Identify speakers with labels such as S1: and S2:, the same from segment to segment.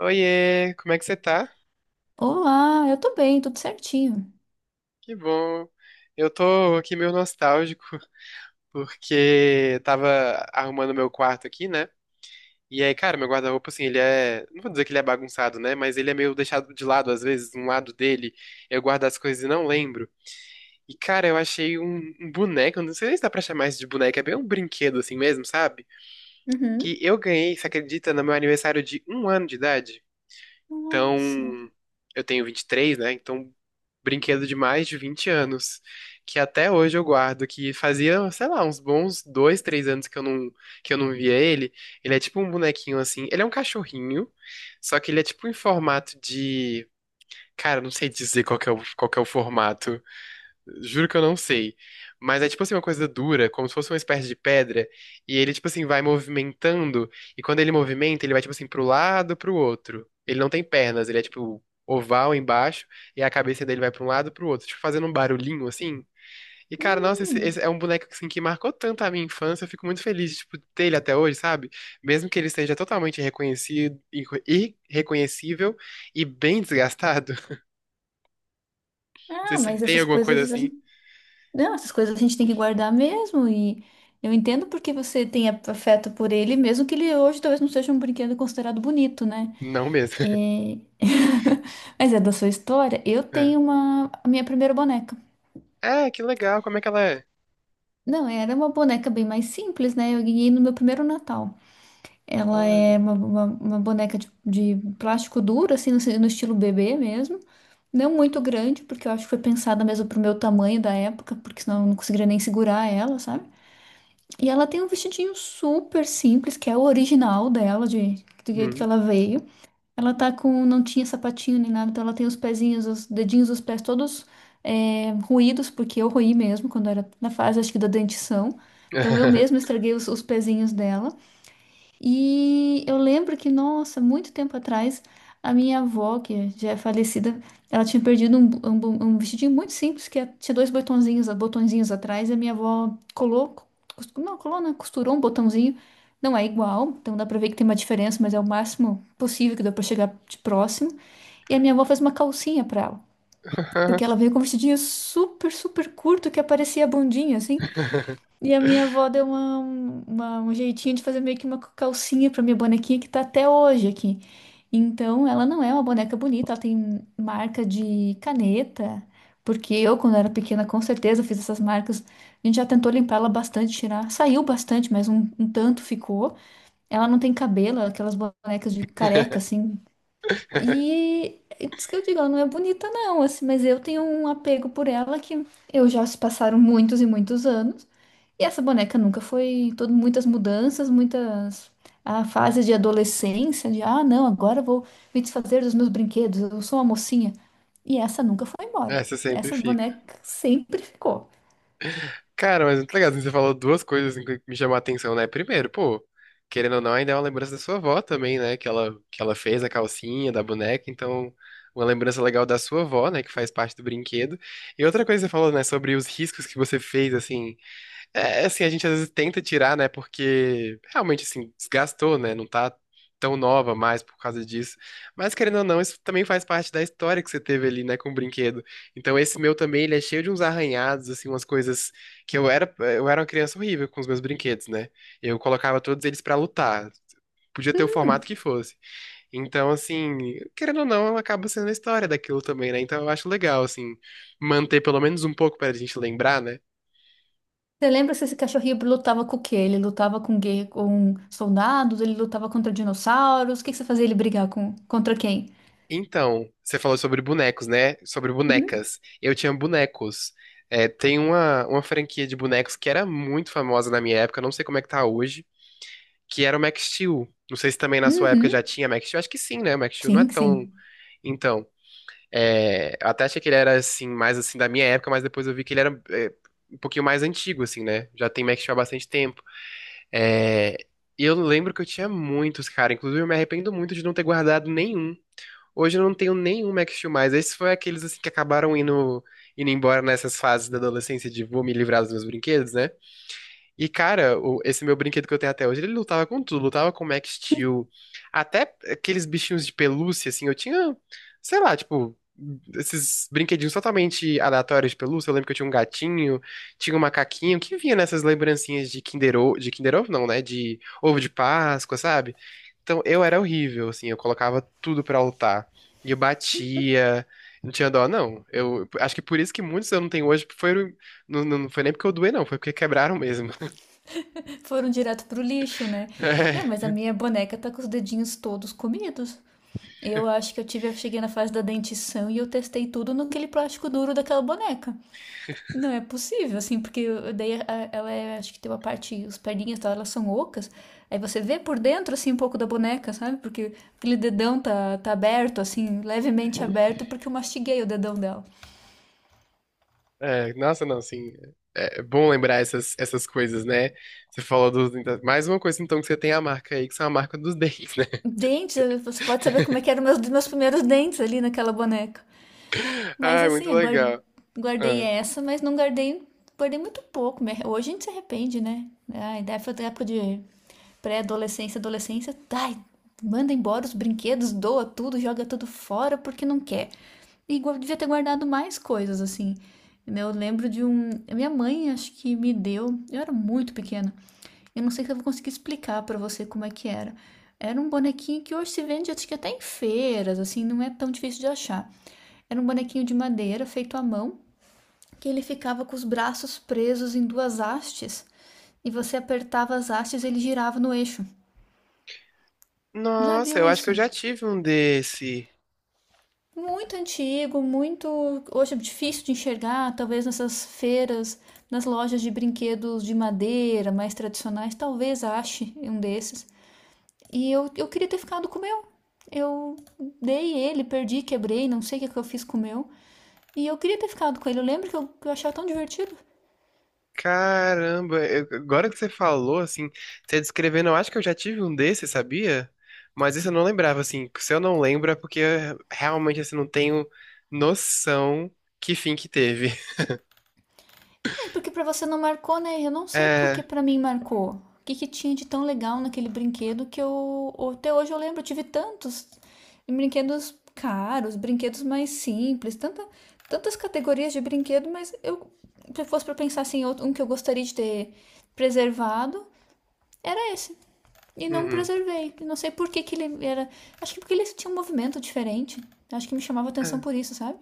S1: Oiê, como é que você tá?
S2: Olá, eu tô bem, tudo certinho.
S1: Que bom. Eu tô aqui meio nostálgico, porque tava arrumando meu quarto aqui, né? E aí, cara, meu guarda-roupa, assim, ele é. Não vou dizer que ele é bagunçado, né? Mas ele é meio deixado de lado, às vezes, um lado dele. Eu guardo as coisas e não lembro. E, cara, eu achei um boneco, eu não sei se dá pra chamar isso de boneco, é bem um brinquedo assim mesmo, sabe? Que
S2: Uhum.
S1: eu ganhei, você acredita, no meu aniversário de um ano de idade?
S2: Nossa.
S1: Então, eu tenho 23, né? Então, brinquedo de mais de 20 anos, que até hoje eu guardo, que fazia, sei lá, uns bons dois, três anos que eu não via ele. Ele é tipo um bonequinho assim, ele é um cachorrinho, só que ele é tipo em formato de, cara, eu não sei dizer qual que é o formato. Juro que eu não sei. Mas é tipo assim uma coisa dura, como se fosse uma espécie de pedra. E ele, tipo assim, vai movimentando. E quando ele movimenta, ele vai, tipo assim, pro lado, pro outro. Ele não tem pernas, ele é, tipo, oval embaixo. E a cabeça dele vai pra um lado, pro outro. Tipo, fazendo um barulhinho assim. E, cara, nossa, esse
S2: Hum.
S1: é um boneco assim, que marcou tanto a minha infância. Eu fico muito feliz, tipo, de ter ele até hoje, sabe? Mesmo que ele seja totalmente reconhecido, irreconhecível e bem desgastado. Não sei
S2: Ah,
S1: se você
S2: mas
S1: tem
S2: essas
S1: alguma coisa
S2: coisas a
S1: assim.
S2: gente... Não, essas coisas a gente tem que guardar mesmo e eu entendo porque você tem afeto por ele, mesmo que ele hoje talvez não seja um brinquedo considerado bonito, né?
S1: Não mesmo.
S2: É... Mas é da sua história. Eu tenho uma a minha primeira boneca.
S1: É, que legal. Como é que ela é?
S2: Não, era uma boneca bem mais simples, né? Eu ganhei no meu primeiro Natal. Ela
S1: Olha.
S2: é uma boneca de plástico duro, assim, no, no estilo bebê mesmo. Não muito grande, porque eu acho que foi pensada mesmo pro meu tamanho da época, porque senão eu não conseguiria nem segurar ela, sabe? E ela tem um vestidinho super simples, que é o original dela, de, do jeito que
S1: Hum.
S2: ela veio. Ela tá com, não tinha sapatinho nem nada, então ela tem os pezinhos, os dedinhos dos pés todos ruídos, porque eu roí mesmo quando era na fase, acho que da dentição. Então eu mesma estraguei os pezinhos dela. E eu lembro que, nossa, muito tempo atrás, a minha avó, que já é falecida, ela tinha perdido um, um vestidinho muito simples, que é, tinha dois botõezinhos, botõezinhos atrás, e a minha avó colou, cos- não, colou, né? Costurou um botãozinho. Não é igual, então dá pra ver que tem uma diferença, mas é o máximo possível que dá pra chegar de próximo. E a minha avó fez uma calcinha pra ela, porque ela veio com um vestidinho super, super curto que aparecia a bundinha, assim. E a minha avó deu um jeitinho de fazer meio que uma calcinha pra minha bonequinha que tá até hoje aqui. Então, ela não é uma boneca bonita, ela tem marca de caneta, porque eu, quando era pequena, com certeza fiz essas marcas. A gente já tentou limpar ela bastante, tirar. Saiu bastante, mas um tanto ficou. Ela não tem cabelo, aquelas bonecas de careca, assim. E é isso que eu digo, ela não é bonita, não, assim, mas eu tenho um apego por ela que eu já se passaram muitos e muitos anos. E essa boneca nunca foi todo, muitas mudanças, muitas fases de adolescência, de não, agora eu vou me desfazer dos meus brinquedos, eu sou uma mocinha. E essa nunca foi embora.
S1: Essa sempre
S2: Essa
S1: fica.
S2: boneca sempre ficou.
S1: Cara, mas muito legal. Assim, você falou duas coisas assim, que me chamou a atenção, né? Primeiro, pô, querendo ou não, ainda é uma lembrança da sua avó também, né? Que ela fez a calcinha da boneca. Então, uma lembrança legal da sua avó, né? Que faz parte do brinquedo. E outra coisa que você falou, né? Sobre os riscos que você fez, assim. É, é assim, a gente às vezes tenta tirar, né? Porque realmente, assim, desgastou, né? Não tá tão nova mais por causa disso. Mas, querendo ou não, isso também faz parte da história que você teve ali, né? Com o brinquedo. Então, esse meu também, ele é cheio de uns arranhados, assim, umas coisas que eu era uma criança horrível com os meus brinquedos, né? Eu colocava todos eles pra lutar. Podia ter o
S2: Hum,
S1: formato que fosse. Então, assim, querendo ou não, acaba sendo a história daquilo também, né? Então, eu acho legal, assim, manter pelo menos um pouco pra gente lembrar, né?
S2: você lembra se esse cachorrinho lutava com o quê? Ele lutava com, com soldados, ele lutava contra dinossauros, o que que você fazia ele brigar com, contra quem?
S1: Então, você falou sobre bonecos, né? Sobre
S2: Uhum.
S1: bonecas. Eu tinha bonecos. É, tem uma franquia de bonecos que era muito famosa na minha época, não sei como é que tá hoje, que era o Max Steel. Não sei se também na sua época já
S2: Uhum.
S1: tinha Max Steel. Acho que sim, né? O Max Steel não é
S2: Sim,
S1: tão.
S2: sim.
S1: Então, é, eu até achei que ele era assim, mais assim da minha época, mas depois eu vi que ele um pouquinho mais antigo, assim, né? Já tem Max Steel há bastante tempo. É, e eu lembro que eu tinha muitos, cara. Inclusive, eu me arrependo muito de não ter guardado nenhum. Hoje eu não tenho nenhum Max Steel mais. Esses foi aqueles assim, que acabaram indo embora nessas fases da adolescência de vou me livrar dos meus brinquedos, né? E, cara, esse meu brinquedo que eu tenho até hoje, ele lutava com tudo, lutava com Max Steel, até aqueles bichinhos de pelúcia, assim, eu tinha, sei lá, tipo, esses brinquedinhos totalmente aleatórios de pelúcia, eu lembro que eu tinha um gatinho, tinha um macaquinho, que vinha nessas lembrancinhas de Kinder Ovo não, né, de ovo de Páscoa, sabe? Então, eu era horrível, assim, eu colocava tudo pra lutar, e eu batia. Não tinha dó, não. Eu acho que por isso que muitos eu não tenho hoje foi, não, não foi nem porque eu doei, não. Foi porque quebraram mesmo.
S2: Foram direto pro lixo, né? Não, mas a
S1: É,
S2: minha boneca tá com os dedinhos todos comidos. Eu acho que eu tive, eu cheguei na fase da dentição e eu testei tudo naquele plástico duro daquela boneca. Não é possível, assim, porque eu- daí a- ela é, acho que tem uma parte, os perninhas dela elas são ocas. Aí você vê por dentro, assim, um pouco da boneca, sabe? Porque aquele dedão tá aberto, assim, levemente aberto, porque eu mastiguei o dedão dela.
S1: nossa, não, assim, é é bom lembrar essas coisas, né? Você falou dos. Mais uma coisa, então, que você tem a marca aí, que são a marca dos dentes, né?
S2: Dentes, você pode saber como é que eram meus primeiros dentes ali naquela boneca. Mas
S1: Ah, muito
S2: assim, eu
S1: legal.
S2: guardei
S1: Ah.
S2: essa, mas não guardei, guardei muito pouco. Hoje a gente se arrepende, né? Ai, da época de pré-adolescência, adolescência, ai, manda embora os brinquedos, doa tudo, joga tudo fora porque não quer. E devia ter guardado mais coisas, assim, né? Eu lembro de um. Minha mãe, acho que me deu. Eu era muito pequena. Eu não sei se eu vou conseguir explicar pra você como é que era. Era um bonequinho que hoje se vende, acho que até em feiras, assim, não é tão difícil de achar. Era um bonequinho de madeira feito à mão, que ele ficava com os braços presos em duas hastes e você apertava as hastes e ele girava no eixo. Já
S1: Nossa,
S2: viu
S1: eu acho que eu
S2: isso?
S1: já tive um desse.
S2: Muito antigo, muito, hoje é difícil de enxergar, talvez nessas feiras, nas lojas de brinquedos de madeira mais tradicionais, talvez ache um desses. E eu queria ter ficado com o meu. Eu dei ele, perdi, quebrei, não sei o que, é que eu fiz com o meu. E eu queria ter ficado com ele. Eu lembro que que eu achava tão divertido.
S1: Caramba, agora que você falou, assim, você descrevendo, eu acho que eu já tive um desse, sabia? Mas isso eu não lembrava, assim. Se eu não lembro, é porque eu realmente, assim, não tenho noção que fim que teve.
S2: É, porque pra você não marcou, né? Eu não sei
S1: É.
S2: porque pra mim marcou. O que que tinha de tão legal naquele brinquedo que eu até hoje eu lembro, eu tive tantos brinquedos caros, brinquedos mais simples, tanta, tantas categorias de brinquedo, mas eu, se fosse pra pensar assim, um que eu gostaria de ter preservado, era esse. E não
S1: Uhum.
S2: preservei. Não sei por que que ele era, acho que porque ele tinha um movimento diferente. Acho que me chamava atenção
S1: É.
S2: por isso, sabe?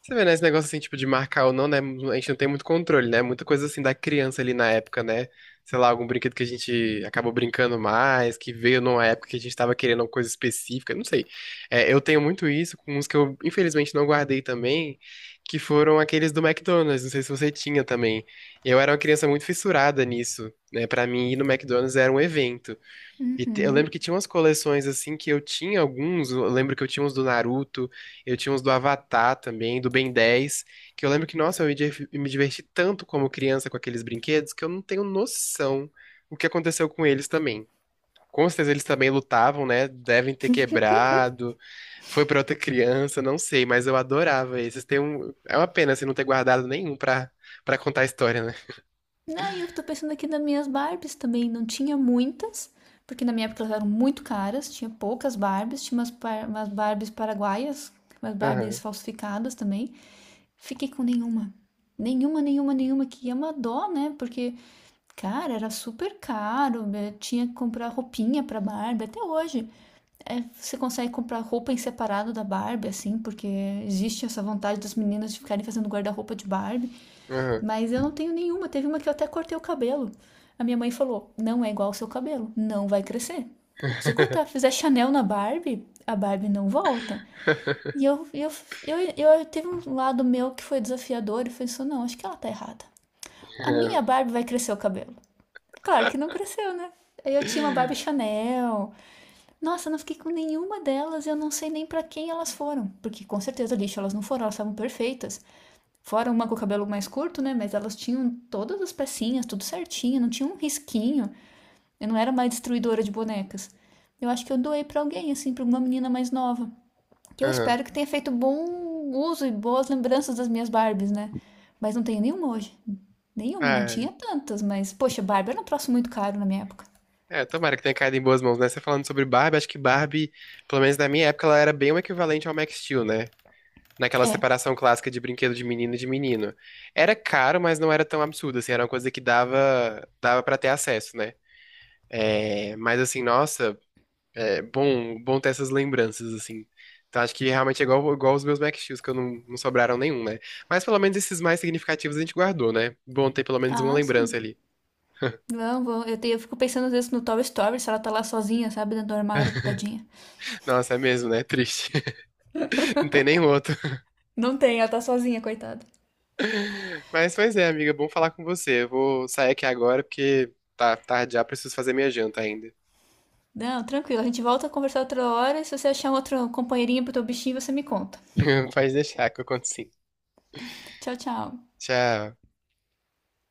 S1: Você vê, né, esse negócio assim, tipo, de marcar ou não, né? A gente não tem muito controle, né? Muita coisa assim da criança ali na época, né? Sei lá, algum brinquedo que a gente acabou brincando mais, que veio numa época que a gente tava querendo uma coisa específica, não sei. É, eu tenho muito isso com uns que eu, infelizmente, não guardei também, que foram aqueles do McDonald's, não sei se você tinha também. Eu era uma criança muito fissurada nisso, né? Pra mim, ir no McDonald's era um evento. E eu lembro que tinha umas coleções assim que eu tinha alguns, eu lembro que eu tinha uns do Naruto, eu tinha uns do Avatar também, do Ben 10, que eu lembro que, nossa, eu me diverti tanto como criança com aqueles brinquedos que eu não tenho noção o que aconteceu com eles também. Com certeza eles também lutavam, né? Devem ter quebrado, foi pra outra criança, não sei, mas eu adorava esses. Tem um. É uma pena assim, não ter guardado nenhum pra, pra contar a história, né?
S2: Não, e eu tô pensando aqui nas minhas Barbies também. Não tinha muitas, porque na minha época elas eram muito caras, tinha poucas Barbies, tinha umas, umas Barbies paraguaias, umas Barbies
S1: Aham,
S2: falsificadas também. Fiquei com nenhuma. Nenhuma, nenhuma, nenhuma, que é uma dó, né? Porque, cara, era super caro, né? Tinha que comprar roupinha pra Barbie, até hoje. É, você consegue comprar roupa em separado da Barbie, assim, porque existe essa vontade das meninas de ficarem fazendo guarda-roupa de Barbie.
S1: aham.
S2: Mas eu não tenho nenhuma. Teve uma que eu até cortei o cabelo. A minha mãe falou: não é igual ao seu cabelo, não vai crescer. Se você cortar, fizer Chanel na Barbie, a Barbie não volta. E eu teve um lado meu que foi desafiador e pensou, não, acho que ela tá errada. A minha Barbie vai crescer o cabelo. Claro que não cresceu, né? Eu tinha uma Barbie Chanel. Nossa, eu não fiquei com nenhuma delas, eu não sei nem para quem elas foram. Porque com certeza lixo elas não foram, elas estavam perfeitas. Fora uma com o cabelo mais curto, né? Mas elas tinham todas as pecinhas, tudo certinho, não tinha um risquinho. Eu não era mais destruidora de bonecas. Eu acho que eu doei pra alguém, assim, pra uma menina mais nova. Que eu
S1: Aham.
S2: espero que tenha feito bom uso e boas lembranças das minhas Barbies, né? Mas não tenho nenhuma hoje. Nenhuma, não
S1: Ah,
S2: tinha tantas, mas, poxa, Barbie era um troço muito caro na minha época.
S1: é, tomara que tenha caído em boas mãos, né? Você falando sobre Barbie, acho que Barbie, pelo menos na minha época, ela era bem o equivalente ao Max Steel, né? Naquela separação clássica de brinquedo de menino e de menino. Era caro, mas não era tão absurdo, assim, era uma coisa que dava, dava para ter acesso, né? É, mas assim, nossa, é bom, bom ter essas lembranças, assim. Então acho que realmente é igual, igual os meus Max Steels, que eu não sobraram nenhum, né? Mas pelo menos esses mais significativos a gente guardou, né? Bom ter pelo menos uma
S2: Ah,
S1: lembrança
S2: sim.
S1: ali.
S2: Não, eu fico pensando às vezes no Toy Story, se ela tá lá sozinha, sabe, dentro do armário, tadinha.
S1: Nossa, é mesmo, né? Triste. Não tem nenhum outro.
S2: Não tem, ela tá sozinha, coitada.
S1: Mas, pois é, amiga, bom falar com você. Eu vou sair aqui agora porque tá tarde já, preciso fazer minha janta ainda.
S2: Não, tranquilo. A gente volta a conversar outra hora. E se você achar um outro companheirinho pro teu bichinho, você me conta.
S1: Pode deixar que eu conto sim.
S2: Tchau, tchau.
S1: Tchau.